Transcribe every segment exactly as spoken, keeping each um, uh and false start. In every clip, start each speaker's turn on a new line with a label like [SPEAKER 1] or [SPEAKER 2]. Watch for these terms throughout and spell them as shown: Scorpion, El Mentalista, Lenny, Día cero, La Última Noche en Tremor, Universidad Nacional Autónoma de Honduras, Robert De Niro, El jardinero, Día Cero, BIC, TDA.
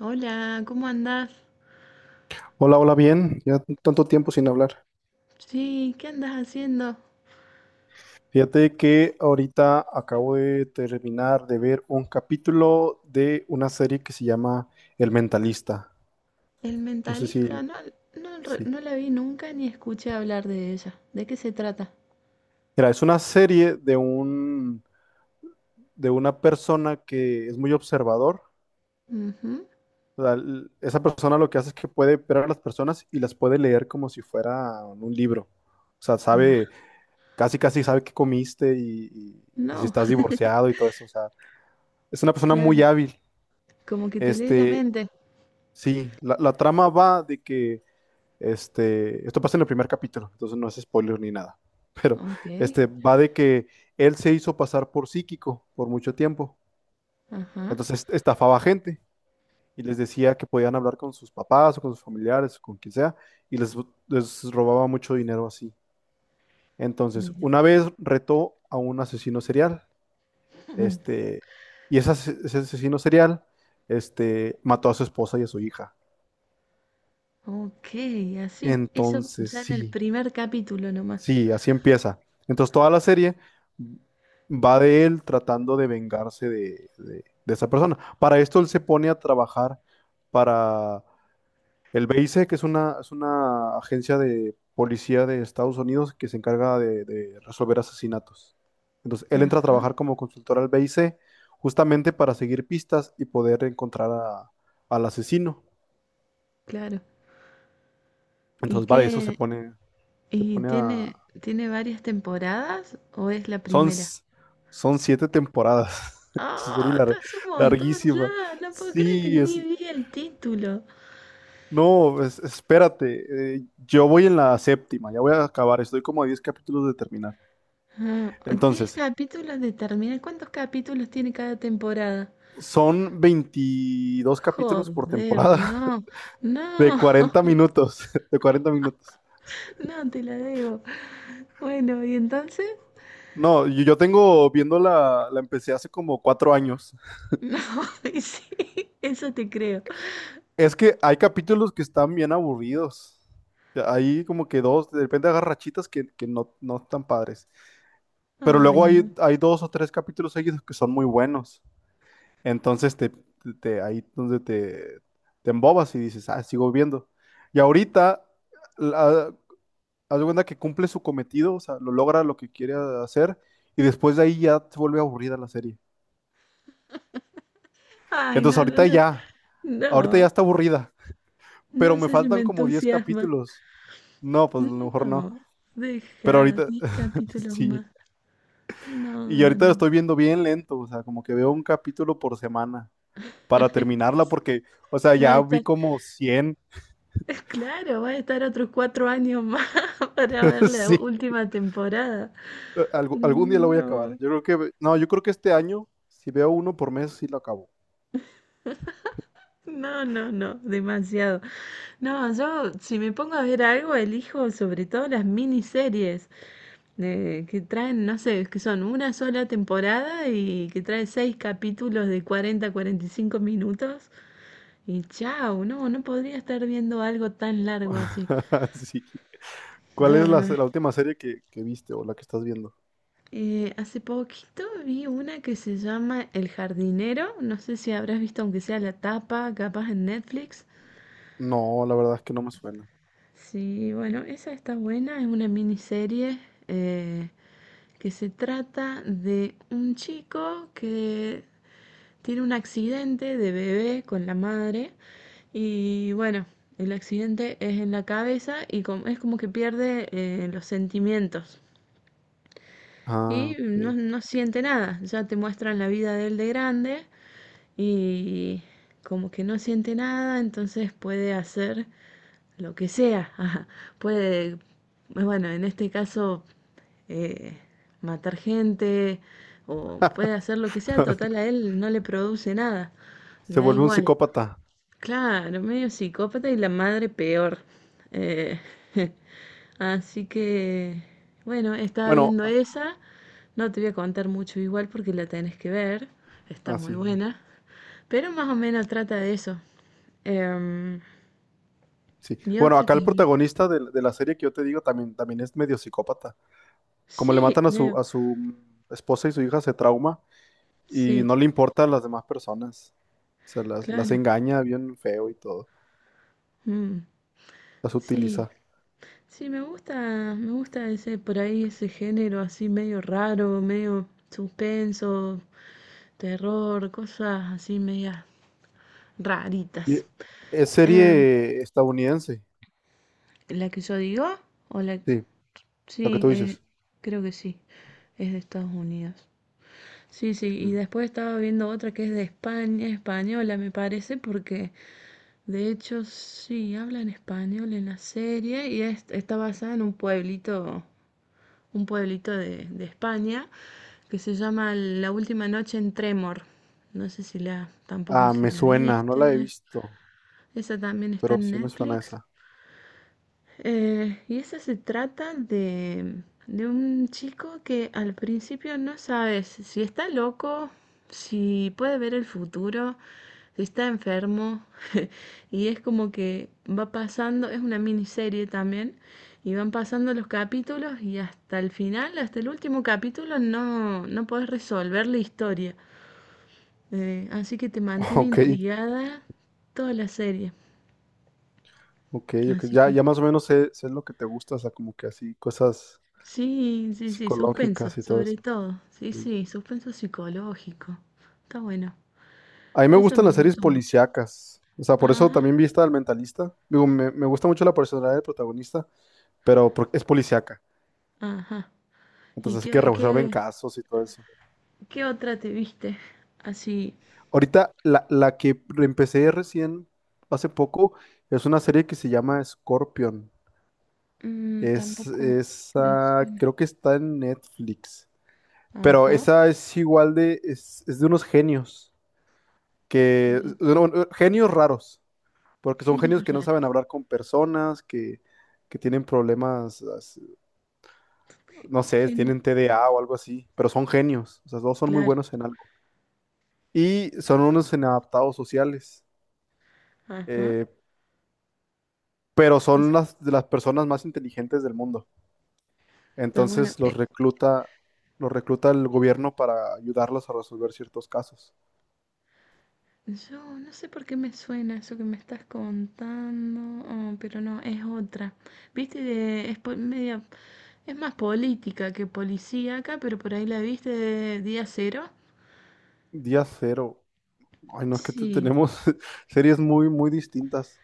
[SPEAKER 1] Hola, ¿cómo andás?
[SPEAKER 2] Hola, hola, bien. Ya tanto tiempo sin hablar.
[SPEAKER 1] Sí, ¿qué andás haciendo?
[SPEAKER 2] Fíjate que ahorita acabo de terminar de ver un capítulo de una serie que se llama El Mentalista.
[SPEAKER 1] El
[SPEAKER 2] No sé si,
[SPEAKER 1] mentalista, no, no, re-
[SPEAKER 2] sí.
[SPEAKER 1] no la vi nunca ni escuché hablar de ella. ¿De qué se trata?
[SPEAKER 2] Mira, es una serie de un, de una persona que es muy observador.
[SPEAKER 1] Ujú.
[SPEAKER 2] O sea, l- esa persona lo que hace es que puede ver a las personas y las puede leer como si fuera un libro. O sea, sabe,
[SPEAKER 1] Ah,
[SPEAKER 2] casi casi sabe qué comiste y, y y si
[SPEAKER 1] no,
[SPEAKER 2] estás divorciado y todo eso. O sea, es una persona
[SPEAKER 1] claro,
[SPEAKER 2] muy hábil.
[SPEAKER 1] como que te lee la
[SPEAKER 2] Este,
[SPEAKER 1] mente.
[SPEAKER 2] sí, la, la trama va de que este, esto pasa en el primer capítulo, entonces no es spoiler ni nada. Pero
[SPEAKER 1] Ok,
[SPEAKER 2] este va de que él se hizo pasar por psíquico por mucho tiempo.
[SPEAKER 1] ajá,
[SPEAKER 2] Entonces estafaba a gente y les decía que podían hablar con sus papás o con sus familiares o con quien sea y les, les robaba mucho dinero así. Entonces,
[SPEAKER 1] mira.
[SPEAKER 2] una vez retó a un asesino serial,
[SPEAKER 1] Mm,
[SPEAKER 2] este, y ese, ase- ese asesino serial, este, mató a su esposa y a su hija.
[SPEAKER 1] ok, así, eso
[SPEAKER 2] Entonces,
[SPEAKER 1] ya en el
[SPEAKER 2] sí,
[SPEAKER 1] primer capítulo nomás.
[SPEAKER 2] sí, así empieza. Entonces, toda la serie va de él tratando de vengarse de, de- de esa persona. Para esto, él se pone a trabajar para el B I C, que es una, es una agencia de policía de Estados Unidos que se encarga de, de resolver asesinatos. Entonces, él entra a
[SPEAKER 1] Ajá,
[SPEAKER 2] trabajar como consultor al B I C justamente para seguir pistas y poder encontrar a- al asesino.
[SPEAKER 1] claro. ¿Y
[SPEAKER 2] Entonces, va de eso, se
[SPEAKER 1] qué?
[SPEAKER 2] pone, se
[SPEAKER 1] ¿Y
[SPEAKER 2] pone a.
[SPEAKER 1] tiene, tiene varias temporadas o es la
[SPEAKER 2] Son,
[SPEAKER 1] primera?
[SPEAKER 2] s- son siete temporadas. Es una serie
[SPEAKER 1] Ah, te
[SPEAKER 2] lar-
[SPEAKER 1] hace un montón
[SPEAKER 2] larguísima.
[SPEAKER 1] ya. No puedo creer que
[SPEAKER 2] Sí,
[SPEAKER 1] ni
[SPEAKER 2] es.
[SPEAKER 1] vi el título.
[SPEAKER 2] No, es- espérate. Eh, yo voy en la séptima, ya voy a acabar. Estoy como a diez capítulos de terminar.
[SPEAKER 1] Ah, diez
[SPEAKER 2] Entonces,
[SPEAKER 1] capítulos de terminar. ¿Cuántos capítulos tiene cada temporada?
[SPEAKER 2] son veintidós capítulos por
[SPEAKER 1] Joder,
[SPEAKER 2] temporada
[SPEAKER 1] no.
[SPEAKER 2] de
[SPEAKER 1] No,
[SPEAKER 2] cuarenta minutos. De cuarenta minutos.
[SPEAKER 1] no te la debo. Bueno, ¿y entonces?
[SPEAKER 2] No, yo, yo tengo viéndola, la empecé hace como cuatro años.
[SPEAKER 1] No, y sí, eso te creo.
[SPEAKER 2] Es que hay capítulos que están bien aburridos. Ya, hay como que dos, de repente agarra rachitas que, que no, no están padres. Pero
[SPEAKER 1] Ay,
[SPEAKER 2] luego hay,
[SPEAKER 1] no.
[SPEAKER 2] hay dos o tres capítulos seguidos que son muy buenos. Entonces te, te- te- ahí donde te, te embobas y dices, ah, sigo viendo. Y ahorita, la, haz de cuenta que cumple su cometido, o sea, lo logra lo que quiere hacer, y después de ahí ya se vuelve aburrida la serie.
[SPEAKER 1] Ay,
[SPEAKER 2] Entonces
[SPEAKER 1] no, no,
[SPEAKER 2] ahorita
[SPEAKER 1] no.
[SPEAKER 2] ya, ahorita ya
[SPEAKER 1] No,
[SPEAKER 2] está aburrida, pero
[SPEAKER 1] no
[SPEAKER 2] me
[SPEAKER 1] sé si me
[SPEAKER 2] faltan como diez
[SPEAKER 1] entusiasma.
[SPEAKER 2] capítulos. No, pues a lo mejor no.
[SPEAKER 1] No,
[SPEAKER 2] Pero
[SPEAKER 1] deja
[SPEAKER 2] ahorita,
[SPEAKER 1] diez capítulos
[SPEAKER 2] sí.
[SPEAKER 1] más. No,
[SPEAKER 2] Y
[SPEAKER 1] no,
[SPEAKER 2] ahorita lo
[SPEAKER 1] no.
[SPEAKER 2] estoy viendo bien lento, o sea, como que veo un capítulo por semana, para terminarla porque, o sea,
[SPEAKER 1] Va a
[SPEAKER 2] ya vi
[SPEAKER 1] estar.
[SPEAKER 2] como cien.
[SPEAKER 1] Claro, va a estar otros cuatro años más para ver la
[SPEAKER 2] Sí,
[SPEAKER 1] última temporada.
[SPEAKER 2] algu- algún día la voy a acabar.
[SPEAKER 1] No,
[SPEAKER 2] Yo creo que, no, yo creo que este año, si veo uno por mes, sí lo acabo.
[SPEAKER 1] no, no, no, demasiado. No, yo si me pongo a ver algo, elijo sobre todo las miniseries eh, que traen, no sé, que son una sola temporada y que trae seis capítulos de cuarenta a cuarenta y cinco minutos. Y chao, no, no podría estar viendo algo tan largo así.
[SPEAKER 2] Sí. ¿Cuál es la, se- la última serie que, que viste o la que estás viendo?
[SPEAKER 1] Eh, hace poquito vi una que se llama El jardinero, no sé si habrás visto aunque sea la tapa, capaz en Netflix.
[SPEAKER 2] No, la verdad es que no me suena.
[SPEAKER 1] Sí, bueno, esa está buena, es una miniserie eh, que se trata de un chico que tiene un accidente de bebé con la madre y bueno, el accidente es en la cabeza y com- es como que pierde eh, los sentimientos.
[SPEAKER 2] Ah,
[SPEAKER 1] Y no,
[SPEAKER 2] ok.
[SPEAKER 1] no siente nada, ya te muestran la vida de él de grande y como que no siente nada, entonces puede hacer lo que sea. Ajá, puede, bueno, en este caso, eh, matar gente o puede hacer lo que sea, total a él no le produce nada, le
[SPEAKER 2] Se
[SPEAKER 1] da
[SPEAKER 2] vuelve un
[SPEAKER 1] igual.
[SPEAKER 2] psicópata.
[SPEAKER 1] Claro, medio psicópata y la madre peor. Eh, Así que, bueno, estaba
[SPEAKER 2] Bueno,
[SPEAKER 1] viendo
[SPEAKER 2] a-
[SPEAKER 1] esa. No te voy a contar mucho igual porque la tenés que ver. Está
[SPEAKER 2] ah,
[SPEAKER 1] muy
[SPEAKER 2] sí,
[SPEAKER 1] buena. Pero más o menos trata de eso. Em,
[SPEAKER 2] sí.
[SPEAKER 1] y
[SPEAKER 2] Bueno,
[SPEAKER 1] otra
[SPEAKER 2] acá el
[SPEAKER 1] que...
[SPEAKER 2] protagonista de, de la serie que yo te digo también, también es medio psicópata. Como le
[SPEAKER 1] Sí,
[SPEAKER 2] matan a su,
[SPEAKER 1] veo.
[SPEAKER 2] a su esposa y su hija, se trauma y
[SPEAKER 1] Sí,
[SPEAKER 2] no le importa a las demás personas. O sea, las, las
[SPEAKER 1] claro.
[SPEAKER 2] engaña bien feo y todo.
[SPEAKER 1] Mm,
[SPEAKER 2] Las
[SPEAKER 1] sí,
[SPEAKER 2] utiliza.
[SPEAKER 1] sí, me gusta, me gusta ese, por ahí ese género así medio raro, medio suspenso, terror, cosas así medias
[SPEAKER 2] Y
[SPEAKER 1] raritas.
[SPEAKER 2] es
[SPEAKER 1] Em,
[SPEAKER 2] serie estadounidense.
[SPEAKER 1] ¿la que yo digo? ¿O la...
[SPEAKER 2] Sí, lo que
[SPEAKER 1] Sí,
[SPEAKER 2] tú
[SPEAKER 1] eh,
[SPEAKER 2] dices.
[SPEAKER 1] creo que sí. Es de Estados Unidos. Sí, sí, y
[SPEAKER 2] Mm.
[SPEAKER 1] después estaba viendo otra que es de España, española me parece, porque de hecho, sí, habla en español en la serie y es- está basada en un pueblito, un pueblito de, de España que se llama La Última Noche en Tremor. No sé si la, tampoco
[SPEAKER 2] Ah,
[SPEAKER 1] si
[SPEAKER 2] me
[SPEAKER 1] la
[SPEAKER 2] suena, no la he
[SPEAKER 1] viste.
[SPEAKER 2] visto,
[SPEAKER 1] Esa también está
[SPEAKER 2] pero
[SPEAKER 1] en
[SPEAKER 2] sí me suena
[SPEAKER 1] Netflix.
[SPEAKER 2] esa.
[SPEAKER 1] Eh, y eso se trata de, de un chico que al principio no sabes si si está loco, si puede ver el futuro, si está enfermo. Y es como que va pasando, es una miniserie también, y van pasando los capítulos y hasta el final, hasta el último capítulo, no, no podés resolver la historia. Eh, así que te mantiene
[SPEAKER 2] Ok,
[SPEAKER 1] intrigada toda la serie.
[SPEAKER 2] ok, ok.
[SPEAKER 1] Así
[SPEAKER 2] Ya,
[SPEAKER 1] que...
[SPEAKER 2] ya más o menos sé, sé lo que te gusta, o sea, como que así, cosas
[SPEAKER 1] Sí, sí, sí, suspenso,
[SPEAKER 2] psicológicas y todo
[SPEAKER 1] sobre
[SPEAKER 2] eso.
[SPEAKER 1] todo. Sí,
[SPEAKER 2] Sí.
[SPEAKER 1] sí, suspenso psicológico. Está bueno.
[SPEAKER 2] A mí me
[SPEAKER 1] Eso
[SPEAKER 2] gustan
[SPEAKER 1] me
[SPEAKER 2] las series
[SPEAKER 1] gustó mucho.
[SPEAKER 2] policíacas. O sea, por eso
[SPEAKER 1] Ajá,
[SPEAKER 2] también vi esta del Mentalista. Digo, me, me gusta mucho la personalidad del protagonista, pero por- es policíaca.
[SPEAKER 1] ajá. ¿Y
[SPEAKER 2] Entonces, así que
[SPEAKER 1] qué,
[SPEAKER 2] resuelven
[SPEAKER 1] qué,
[SPEAKER 2] casos y todo eso.
[SPEAKER 1] qué otra te viste? Así,
[SPEAKER 2] Ahorita, la, la que empecé recién, hace poco, es una serie que se llama Scorpion.
[SPEAKER 1] mm,
[SPEAKER 2] Es,
[SPEAKER 1] tampoco me
[SPEAKER 2] esa,
[SPEAKER 1] suena.
[SPEAKER 2] creo que está en Netflix. Pero
[SPEAKER 1] Ajá.
[SPEAKER 2] esa es igual de, es, es de unos genios, que, bueno, bueno, genios raros, porque son genios
[SPEAKER 1] Genios
[SPEAKER 2] que no
[SPEAKER 1] raro,
[SPEAKER 2] saben hablar con personas, que, que tienen problemas, as-
[SPEAKER 1] ge-
[SPEAKER 2] no sé, tienen T D A o algo así, pero son genios, o sea, todos son muy
[SPEAKER 1] claro.
[SPEAKER 2] buenos en algo. Y son unos inadaptados sociales.
[SPEAKER 1] Ajá.
[SPEAKER 2] eh, pero
[SPEAKER 1] Es-
[SPEAKER 2] son las, de las personas más inteligentes del mundo.
[SPEAKER 1] Está bueno.
[SPEAKER 2] Entonces los recluta, los recluta el gobierno para ayudarlos a resolver ciertos casos.
[SPEAKER 1] Yo no sé por qué me suena eso que me estás contando, oh, pero no, es otra. Viste, de- es po- media, es más política que policíaca, pero por ahí la viste de Día Cero.
[SPEAKER 2] Día cero. Ay, no, es que te-
[SPEAKER 1] Sí,
[SPEAKER 2] tenemos series muy, muy distintas.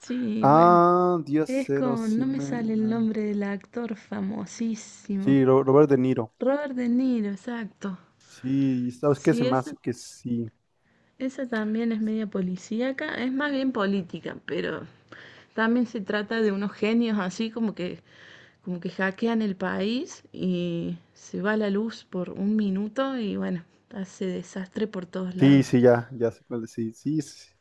[SPEAKER 1] sí, bueno.
[SPEAKER 2] Ah, Día
[SPEAKER 1] Es
[SPEAKER 2] cero,
[SPEAKER 1] con,
[SPEAKER 2] sí
[SPEAKER 1] no me
[SPEAKER 2] me...
[SPEAKER 1] sale el
[SPEAKER 2] ah.
[SPEAKER 1] nombre del actor famosísimo.
[SPEAKER 2] Sí, Ro- Robert De Niro.
[SPEAKER 1] Robert De Niro, exacto.
[SPEAKER 2] Sí, ¿sabes qué? Se
[SPEAKER 1] Sí,
[SPEAKER 2] me
[SPEAKER 1] esa,
[SPEAKER 2] hace que sí.
[SPEAKER 1] esa también es media policíaca, es más bien política, pero también se trata de unos genios así como que como que hackean el país y se va la luz por un minuto y bueno, hace desastre por todos
[SPEAKER 2] Sí,
[SPEAKER 1] lados.
[SPEAKER 2] sí, ya, ya sé cuál es, sí, sí, sí. Sí.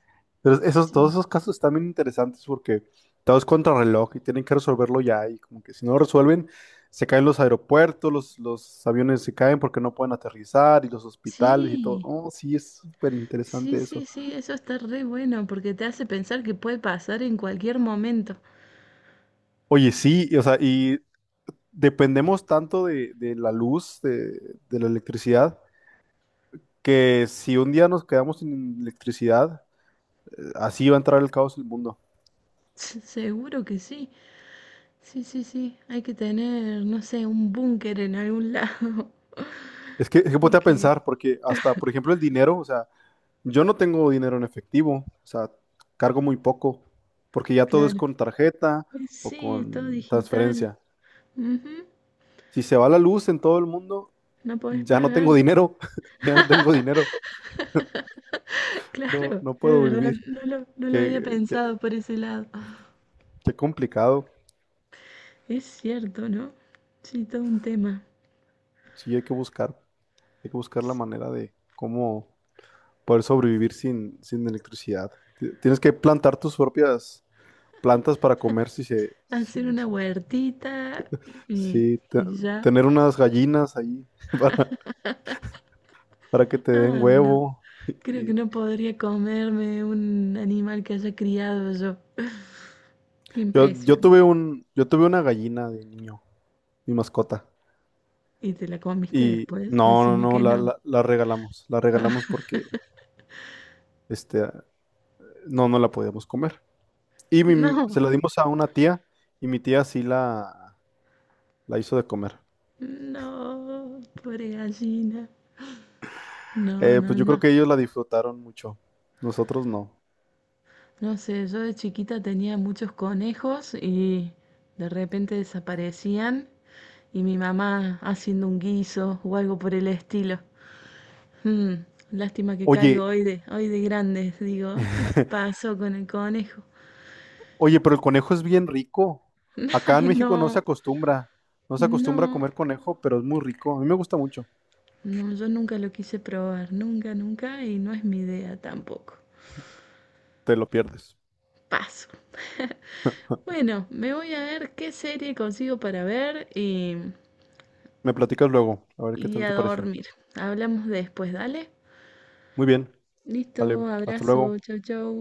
[SPEAKER 2] Pero esos, todos
[SPEAKER 1] Sí,
[SPEAKER 2] esos casos están bien interesantes porque todo es contrarreloj y tienen que resolverlo ya y como que si no lo resuelven, se caen los aeropuertos, los, los aviones se caen porque no pueden aterrizar y los hospitales y todo.
[SPEAKER 1] sí,
[SPEAKER 2] Oh, sí, es súper
[SPEAKER 1] sí,
[SPEAKER 2] interesante
[SPEAKER 1] sí,
[SPEAKER 2] eso.
[SPEAKER 1] sí, eso está re bueno porque te hace pensar que puede pasar en cualquier momento.
[SPEAKER 2] Oye, sí, y, o sea, y dependemos tanto de, de la luz, de, de la electricidad, que si un día nos quedamos sin electricidad, eh, así va a entrar el caos en el mundo.
[SPEAKER 1] Seguro que sí. Sí, sí, sí. Hay que tener, no sé, un búnker en algún lado.
[SPEAKER 2] Es que, es que
[SPEAKER 1] Hay
[SPEAKER 2] ponte a
[SPEAKER 1] que,
[SPEAKER 2] pensar, porque hasta, por ejemplo, el dinero, o sea, yo no tengo dinero en efectivo, o sea, cargo muy poco, porque ya todo es
[SPEAKER 1] claro.
[SPEAKER 2] con tarjeta o
[SPEAKER 1] Sí, es todo
[SPEAKER 2] con
[SPEAKER 1] digital.
[SPEAKER 2] transferencia.
[SPEAKER 1] Ujú.
[SPEAKER 2] Si se va la luz en todo el mundo,
[SPEAKER 1] No podés
[SPEAKER 2] ya no
[SPEAKER 1] pagar.
[SPEAKER 2] tengo dinero, ya no tengo dinero, no,
[SPEAKER 1] Claro,
[SPEAKER 2] no
[SPEAKER 1] es
[SPEAKER 2] puedo
[SPEAKER 1] verdad,
[SPEAKER 2] vivir.
[SPEAKER 1] no lo, no lo había
[SPEAKER 2] Qué, qué-
[SPEAKER 1] pensado por ese lado.
[SPEAKER 2] qué complicado.
[SPEAKER 1] Es cierto, ¿no? Sí, todo un tema.
[SPEAKER 2] Sí, hay que buscar, hay que buscar la manera de cómo poder sobrevivir sin, sin electricidad. Ti- Tienes que plantar tus propias plantas para comer si se,
[SPEAKER 1] Hacer
[SPEAKER 2] si-
[SPEAKER 1] una huertita y,
[SPEAKER 2] sí, te-
[SPEAKER 1] y ya.
[SPEAKER 2] tener unas gallinas ahí para, para que te den
[SPEAKER 1] Ay, no.
[SPEAKER 2] huevo.
[SPEAKER 1] Creo que
[SPEAKER 2] Y
[SPEAKER 1] no podría comerme un animal que haya criado yo. Qué
[SPEAKER 2] yo, yo
[SPEAKER 1] impresión.
[SPEAKER 2] tuve un, yo tuve una gallina de niño, mi mascota.
[SPEAKER 1] ¿Y te la comiste
[SPEAKER 2] Y
[SPEAKER 1] después?
[SPEAKER 2] no, no,
[SPEAKER 1] Decime
[SPEAKER 2] no,
[SPEAKER 1] que
[SPEAKER 2] la,
[SPEAKER 1] no.
[SPEAKER 2] la, la regalamos. La
[SPEAKER 1] Ah,
[SPEAKER 2] regalamos porque este, no, no la podíamos comer. Y mi-
[SPEAKER 1] no,
[SPEAKER 2] se la dimos a una tía y mi tía sí la, la hizo de comer.
[SPEAKER 1] no, pobre gallina. No,
[SPEAKER 2] Eh,
[SPEAKER 1] no,
[SPEAKER 2] pues yo creo
[SPEAKER 1] no.
[SPEAKER 2] que ellos la disfrutaron mucho. Nosotros no.
[SPEAKER 1] No sé, yo de chiquita tenía muchos conejos y de repente desaparecían y mi mamá haciendo un guiso o algo por el estilo. Hmm, Lástima que caigo
[SPEAKER 2] Oye,
[SPEAKER 1] hoy de, hoy de grandes. Digo, "Ah, ¿qué pasó con el conejo?
[SPEAKER 2] oye, pero el conejo es bien rico. Acá en
[SPEAKER 1] Ay,
[SPEAKER 2] México no se
[SPEAKER 1] no,
[SPEAKER 2] acostumbra. No se acostumbra a
[SPEAKER 1] no,
[SPEAKER 2] comer conejo, pero es muy rico. A mí me gusta mucho.
[SPEAKER 1] no, yo nunca lo quise probar, nunca, nunca y no es mi idea tampoco.
[SPEAKER 2] Te lo pierdes.
[SPEAKER 1] Paso. Bueno, me voy a ver qué serie consigo para ver y,
[SPEAKER 2] Me platicas luego, a ver qué
[SPEAKER 1] y
[SPEAKER 2] tal
[SPEAKER 1] a
[SPEAKER 2] te pareció.
[SPEAKER 1] dormir. Hablamos después, dale.
[SPEAKER 2] Muy bien.
[SPEAKER 1] Listo,
[SPEAKER 2] Vale, hasta
[SPEAKER 1] abrazo,
[SPEAKER 2] luego.
[SPEAKER 1] chau, chau.